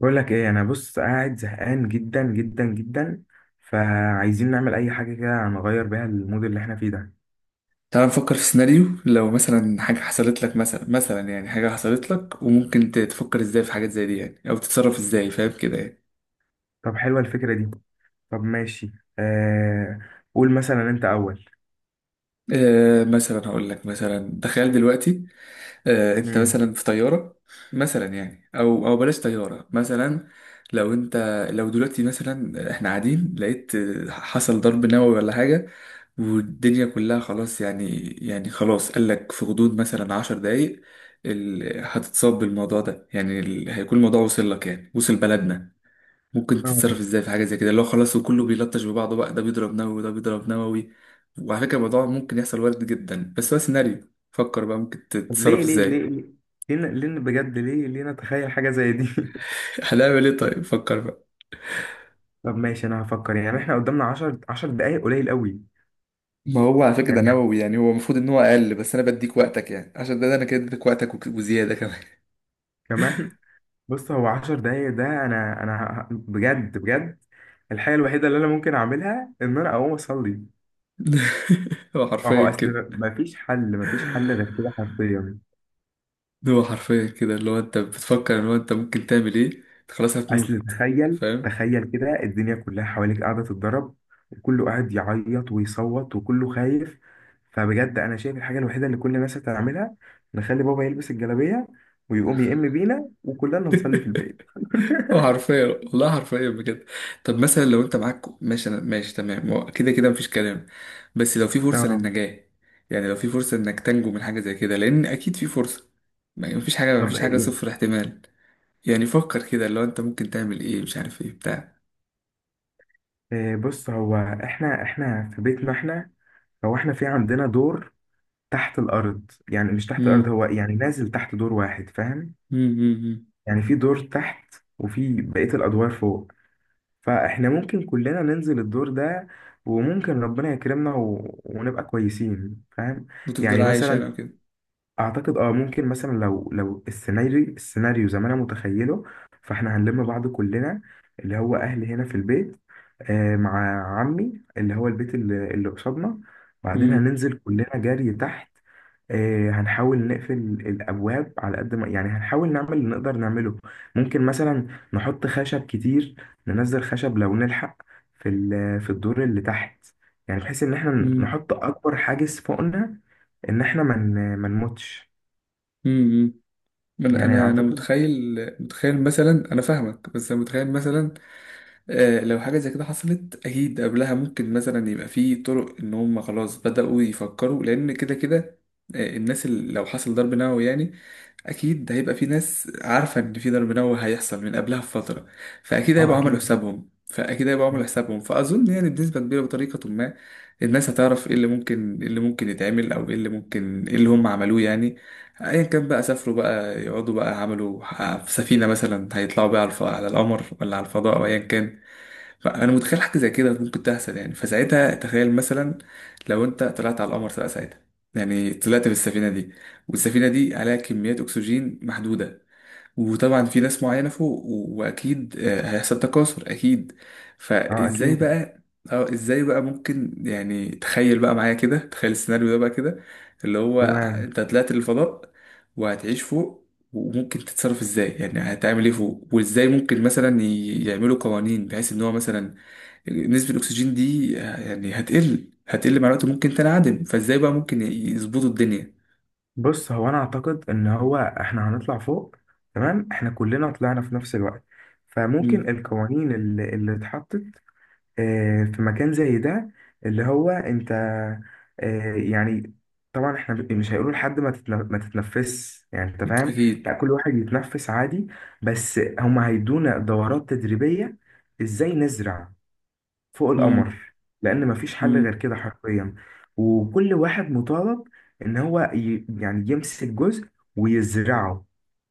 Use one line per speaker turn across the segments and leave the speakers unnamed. بقول لك ايه؟ انا بص قاعد زهقان جدا جدا جدا، فعايزين نعمل اي حاجه كده نغير بيها المود اللي احنا فيه ده.
تعال نفكر في سيناريو. لو مثلا حاجة حصلت لك، مثلا يعني حاجة حصلت لك، وممكن تفكر ازاي في حاجات زي دي، يعني او تتصرف ازاي، فاهم كده يعني؟
طب حلوه الفكره دي. طب ماشي. آه، قول مثلا انت اول.
آه مثلا هقول لك مثلا، تخيل دلوقتي. آه، انت
امم.
مثلا في طياره. مثلا يعني او بلاش طياره مثلا. لو انت لو دلوقتي مثلا احنا قاعدين، لقيت حصل ضرب نووي ولا حاجه، والدنيا كلها خلاص، يعني خلاص. قال لك في غضون مثلا 10 دقايق هتتصاب بالموضوع ده، يعني هيكون الموضوع وصل لك، يعني وصل بلدنا. ممكن
اه.
تتصرف ازاي في حاجه زي كده، اللي هو خلاص وكله بيلطش ببعضه بقى، ده بيضرب نووي وده بيضرب نووي؟ وعلى فكره الموضوع ممكن يحصل، وارد جدا، بس هو سيناريو. فكر بقى ممكن
طب
تتصرف
ليه ليه ليه
ازاي.
ليه، بجد، ليه ليه نتخيل حاجه زي دي؟
هنعمل ايه؟ طيب فكر بقى.
طب ماشي، انا هفكر. يعني احنا قدامنا 10 دقايق، قليل قوي.
ما هو على فكرة ده
يعني
نووي يعني، هو المفروض ان هو اقل، بس انا بديك وقتك يعني، عشان ده انا كده اديتك وقتك وزيادة كمان.
كمان. بص، هو 10 دقايق ده، انا بجد بجد الحاجه الوحيده اللي انا ممكن اعملها ان انا اقوم اصلي.
هو
ما
حرفيا
هو اصل
كده.
مفيش حل، مفيش حل غير كده حرفيا.
هو حرفيا كده، اللي هو انت بتفكر ان هو انت ممكن تعمل ايه. انت خلاص
اصل
هتموت،
تخيل
فاهم؟
تخيل كده الدنيا كلها حواليك قاعده تتضرب، وكله قاعد يعيط ويصوت وكله خايف. فبجد انا شايف الحاجه الوحيده اللي كل الناس هتعملها، نخلي بابا يلبس الجلابيه ويقوم يئم بينا وكلنا نصلي في البيت.
هو حرفيا والله، حرفيا بجد. طب مثلا لو انت معاك، ماشي، انا ماشي تمام، هو كده كده مفيش كلام، بس لو في فرصة
اه.
للنجاة، يعني لو في فرصة انك تنجو من حاجة زي كده، لان اكيد في فرصة. مفيش حاجة،
طب إيه؟
0 احتمال. يعني فكر كده اللي هو انت ممكن تعمل ايه، مش عارف ايه بتاع.
إيه، بص، هو احنا في بيتنا احنا. هو احنا في عندنا دور تحت الارض. يعني مش تحت الارض،
امم،
هو يعني نازل تحت دور واحد، فاهم؟
امم،
يعني في دور تحت وفي بقية الأدوار فوق، فإحنا ممكن كلنا ننزل الدور ده، وممكن ربنا يكرمنا ونبقى كويسين، فاهم؟
وتفضل
يعني
عايش يعني
مثلا
وكده.
أعتقد ممكن مثلا لو السيناريو زي ما أنا متخيله، فإحنا هنلم بعض كلنا، اللي هو أهلي هنا في البيت، آه مع عمي اللي هو البيت اللي قصادنا. بعدين
امم،
هننزل كلنا جري تحت. هنحاول نقفل الأبواب على قد ما، يعني هنحاول نعمل اللي نقدر نعمله. ممكن مثلا نحط خشب كتير، ننزل خشب لو نلحق في الدور اللي تحت، يعني بحيث إن احنا
امم،
نحط أكبر حاجز فوقنا، إن احنا ما نموتش.
امم، انا
يعني
انا انا
أعتقد.
متخيل. متخيل مثلا، انا فاهمك، بس انا متخيل مثلا، آه، لو حاجة زي كده حصلت أكيد قبلها ممكن مثلا يبقى في طرق إن هم خلاص بدأوا يفكروا، لأن كده كده آه، الناس اللي لو حصل ضرب نووي يعني، أكيد هيبقى في ناس عارفة إن في ضرب نووي هيحصل من قبلها بفترة. فأكيد
اه
هيبقوا عملوا
أكيد.
حسابهم، فأظن يعني بنسبة كبيرة بطريقة ما الناس هتعرف إيه اللي ممكن، يتعمل، أو إيه اللي هم عملوه يعني. ايا كان بقى، سافروا بقى، يقعدوا بقى، عملوا في سفينة مثلا، هيطلعوا بقى على القمر، ولا على الفضاء، او ايا كان. فانا متخيل حاجه زي كده ممكن تحصل يعني، فساعتها تخيل مثلا لو انت طلعت على القمر بقى ساعتها، يعني طلعت بالسفينه دي، والسفينه دي عليها كميات اكسجين محدوده، وطبعا في ناس معينه فوق واكيد هيحصل تكاثر اكيد.
اه
فازاي
أكيد.
بقى؟ اه ازاي بقى ممكن يعني؟ تخيل بقى معايا كده، تخيل السيناريو ده بقى كده، اللي هو
تمام.
انت طلعت للفضاء وهتعيش فوق، وممكن تتصرف ازاي يعني، هتعمل ايه فوق، وازاي ممكن مثلا يعملوا قوانين بحيث ان هو مثلا نسبة الأكسجين دي يعني هتقل مع الوقت وممكن تنعدم، فازاي بقى ممكن يظبطوا الدنيا؟
بص، هو أنا أعتقد إن هو احنا هنطلع فوق. تمام، احنا كلنا طلعنا في نفس الوقت، فممكن
امم،
القوانين اللي اتحطت في مكان زي ده، اللي هو انت، يعني طبعا احنا مش هيقولوا لحد ما تتنفس، يعني انت فاهم.
أكيد،
لا، كل واحد يتنفس عادي، بس هم هيدونا دورات تدريبية ازاي نزرع فوق
امم،
القمر، لان مفيش حل غير
امم،
كده حرفيا. وكل واحد مطالب ان هو يعني يمسك جزء ويزرعه،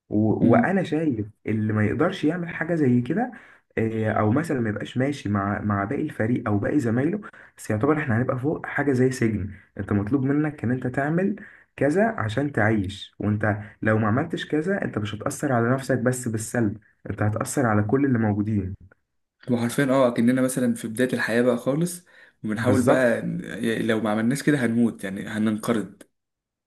امم.
وانا شايف اللي ما يقدرش يعمل حاجه زي كده، او مثلا ما يبقاش ماشي مع باقي الفريق او باقي زمايله. بس يعتبر احنا هنبقى فوق حاجه زي سجن، انت مطلوب منك ان انت تعمل كذا عشان تعيش، وانت لو ما عملتش كذا انت مش هتاثر على نفسك بس بالسلب، انت هتاثر على كل اللي موجودين.
وحرفيا اه كأننا مثلا في بداية الحياة بقى خالص، وبنحاول
بالظبط.
بقى يعني لو ما عملناش كده هنموت يعني، هننقرض.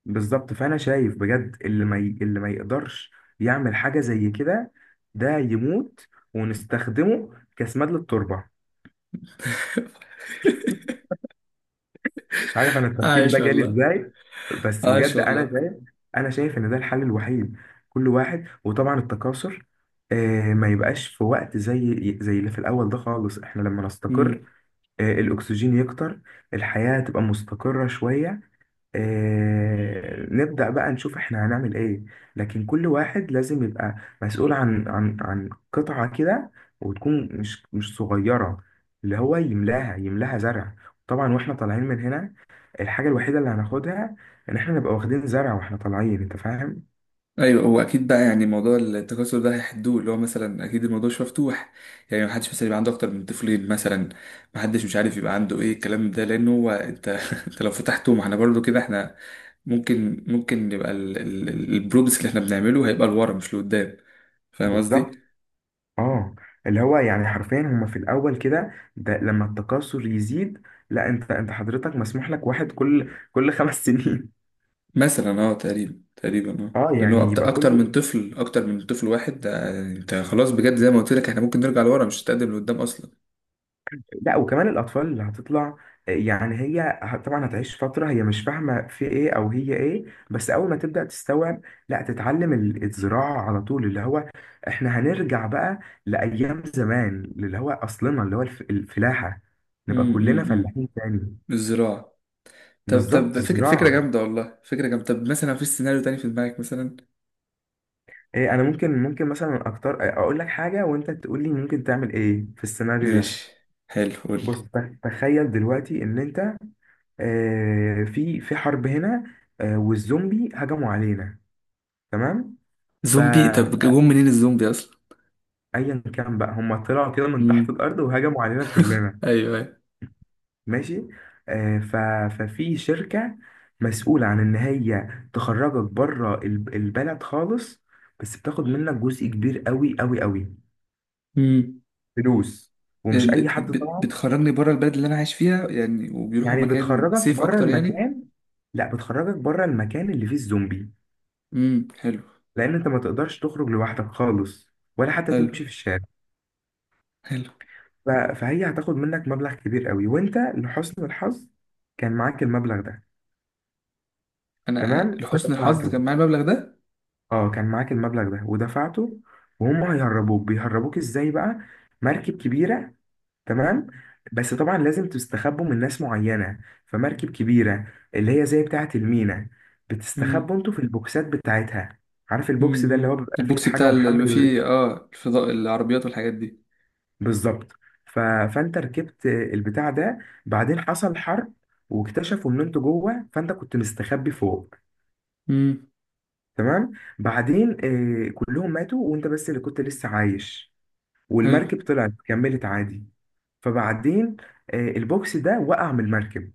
بالظبط، فانا شايف بجد اللي ما ي... اللي ما يقدرش يعمل حاجه زي كده ده يموت، ونستخدمه كسماد للتربه. مش عارف انا التفكير ده
عايش
جالي
والله.
ازاي، بس
عايش
بجد انا
والله.
شايف. انا شايف ان ده الحل الوحيد. كل واحد، وطبعا التكاثر، ما يبقاش في وقت زي اللي في الاول ده خالص. احنا لما نستقر الاكسجين يكتر، الحياة تبقى مستقرة شوية، نبدأ بقى نشوف احنا هنعمل ايه. لكن كل واحد لازم يبقى مسؤول عن قطعة كده، وتكون مش صغيرة، اللي هو يملاها يملاها زرع. طبعا واحنا طالعين من هنا، الحاجة الوحيدة اللي هناخدها ان احنا نبقى واخدين زرع واحنا طالعين، انت فاهم.
ايوه هو اكيد بقى، يعني موضوع التكاثر ده هيحدوه، اللي هو مثلا اكيد الموضوع مش مفتوح، يعني محدش مثلا يبقى عنده اكتر من طفلين مثلا، محدش مش عارف يبقى عنده ايه الكلام ده، لانه هو انت انت لو فتحته ما احنا برضو كده احنا، ممكن يبقى البروجرس اللي احنا بنعمله هيبقى لورا مش لقدام، فاهم
بالظبط.
قصدي؟
اه. اللي هو يعني حرفيا هما في الاول كده ده، لما التكاثر يزيد، لا، انت حضرتك مسموح لك واحد كل خمس سنين.
مثلا اه، تقريبا اه،
اه
لان
يعني
هو
يبقى
اكتر من
كل.
طفل، واحد ده انت خلاص بجد، زي ما قلت لك احنا ممكن نرجع لورا مش هتقدم لقدام اصلا.
لا، وكمان الأطفال اللي هتطلع، يعني طبعا هتعيش فترة هي مش فاهمة في إيه أو هي إيه، بس أول ما تبدأ تستوعب لا تتعلم الزراعة على طول، اللي هو إحنا هنرجع بقى لأيام زمان اللي هو أصلنا، اللي هو الفلاحة. نبقى
امم، امم،
كلنا
إمم.
فلاحين تاني.
الزراعة. طب
بالظبط،
طب فكرة
الزراعة.
جامدة والله، فكرة جامدة. طب مثلا مفيش سيناريو تاني في دماغك مثلا؟
إيه، أنا ممكن مثلا أكتر، أقول لك حاجة وأنت تقول لي ممكن تعمل إيه في السيناريو ده.
ماشي، حلو قول لي.
بص، تخيل دلوقتي إن أنت في حرب هنا، والزومبي هجموا علينا، تمام؟
زومبي؟
فأيا
طب جم منين الزومبي أصلا؟
كان بقى، هم طلعوا كده من تحت
امم،
الأرض وهجموا علينا كلنا.
ايوه ايوه،
ماشي، آه، ف- ففي شركة مسؤولة عن إن هي تخرجك بره البلد خالص، بس بتاخد منك جزء كبير قوي قوي قوي
امم.
فلوس، ومش أي حد طبعا.
بتخرجني بره البلد اللي أنا عايش فيها يعني، وبيروحوا
يعني
مكان
بتخرجك
سيف
بره
أكتر يعني؟
المكان. لا، بتخرجك بره المكان اللي فيه الزومبي،
امم، حلو.
لان انت ما تقدرش تخرج لوحدك خالص ولا حتى
حلو.
تمشي في الشارع.
حلو.
فهي هتاخد منك مبلغ كبير قوي، وانت لحسن الحظ كان معاك المبلغ ده.
أنا
تمام،
لحسن الحظ
فدفعته.
كان معايا المبلغ ده.
اه، كان معاك المبلغ ده ودفعته، وهم هيهربوك. بيهربوك ازاي بقى؟ مركب كبيرة. تمام. بس طبعا لازم تستخبوا من ناس معينة. فمركب كبيرة اللي هي زي بتاعة المينا، بتستخبوا
امم،
انتوا في البوكسات بتاعتها. عارف البوكس ده اللي هو
امم،
بيبقى فيه
البوكس
الحاجة
بتاع اللي بيبقى
ومحمل.
فيه اه الفضاء، العربيات والحاجات دي.
بالظبط. فانت ركبت البتاع ده، بعدين حصل حرب واكتشفوا ان انتوا جوه، فانت كنت مستخبي فوق.
امم،
تمام. بعدين كلهم ماتوا وانت بس اللي كنت لسه عايش،
حلو.
والمركب طلعت كملت عادي. فبعدين البوكس ده وقع من المركب.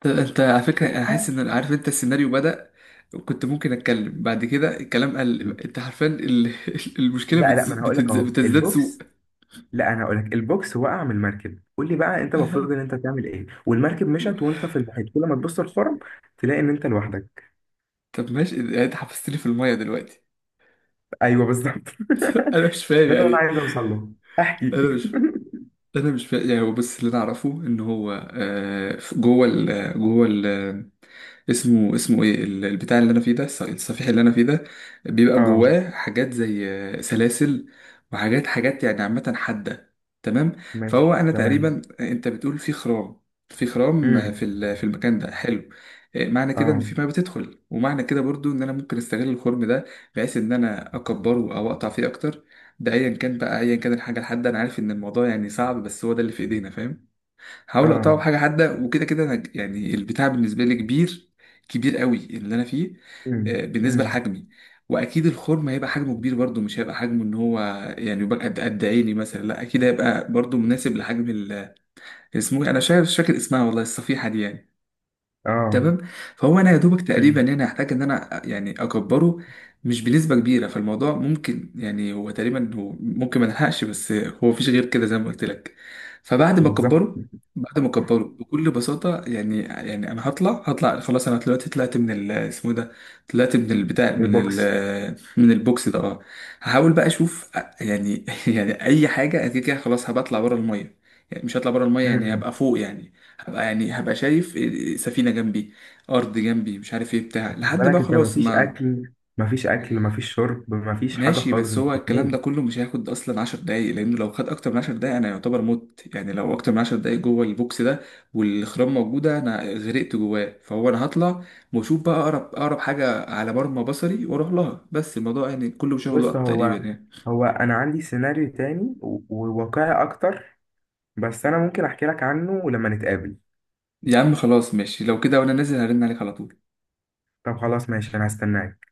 طب انت على فكرة انا حاسس ان عارف انت السيناريو بدأ، وكنت ممكن اتكلم بعد كده الكلام قل، انت عارفين المشكلة
لا لا، ما انا هقول لك اهو
بتزداد سوء.
البوكس. لا، انا هقول لك البوكس وقع من المركب. قول لي بقى انت المفروض ان انت تعمل ايه، والمركب مشت وانت في المحيط؟ كل ما تبص الخرم تلاقي ان انت لوحدك.
طب ماشي، يعني انت حبستني في المية دلوقتي.
ايوه بالظبط.
انا مش فاهم
ده اللي انا
يعني.
عايز اوصل له. احكي.
انا مش انا مش فا... يعني هو بس اللي انا اعرفه ان هو آه، اسمه ايه البتاع اللي انا فيه ده، الصفيح اللي انا فيه ده بيبقى
اه
جواه حاجات زي سلاسل، وحاجات يعني عامة حادة، تمام. فهو
ماشي
انا
تمام.
تقريبا، انت بتقول في خرام،
امم.
في في المكان ده، حلو. معنى كده ان
اه
في ما بتدخل، ومعنى كده برضو ان انا ممكن استغل الخرم ده، بحيث ان انا اكبره او اقطع فيه اكتر، ده ايا كان بقى، ايا كان الحاجه الحاده، انا عارف ان الموضوع يعني صعب، بس هو ده اللي في ايدينا فاج. هحاول
اه.
اقطعه بحاجه حاده، وكده كده انا يعني البتاع بالنسبه لي كبير، كبير قوي اللي انا فيه، بالنسبه
امم.
لحجمي. واكيد الخرم هيبقى حجمه كبير برضه، مش هيبقى حجمه ان هو يعني يبقى قد عيني مثلا، لا اكيد هيبقى برضه مناسب لحجم اسمه إيه؟ انا مش عارف، مش فاكر اسمها والله، الصفيحه دي يعني.
اه.
تمام. فهو انا يا دوبك تقريبا
امم.
هنا هحتاج ان انا يعني اكبره، مش بنسبه كبيره، فالموضوع ممكن يعني، هو تقريبا هو ممكن ما نلحقش، بس هو مفيش غير كده زي ما قلت لك. فبعد ما
بالظبط،
اكبره، بعد ما اكبره بكل بساطه يعني، يعني انا هطلع خلاص، انا دلوقتي طلعت من اسمه إيه ده، طلعت من البتاع
البوكس.
من البوكس ده اه. هحاول بقى اشوف يعني يعني اي حاجه، أنا كده كده خلاص هبطلع بره الميه، يعني مش هطلع بره الميه، يعني
امم.
هبقى فوق يعني، هبقى يعني هبقى شايف سفينة جنبي، أرض جنبي، مش عارف ايه بتاع
خد
لحد
بالك،
بقى
انت
خلاص
مفيش
ما.
اكل، مفيش اكل، مفيش شرب، مفيش حاجه
ماشي،
خالص،
بس
انت
هو الكلام ده
بتموت.
كله مش هياخد أصلا 10 دقايق، لأنه لو خد أكتر من 10 دقايق أنا يعتبر مت، يعني لو أكتر من 10 دقايق جوه البوكس ده والخرام موجودة أنا غرقت جواه. فهو أنا هطلع وأشوف بقى أقرب حاجة على مرمى بصري وأروح لها، بس الموضوع يعني كله مش هياخد
بس
وقت تقريبا
هو،
يعني.
هو انا عندي سيناريو تاني وواقعي اكتر، بس انا ممكن احكي لك عنه لما نتقابل.
يا عم خلاص ماشي، لو كده وأنا نازل هرن عليك على طول.
طب خلاص ماشي، انا هستناك.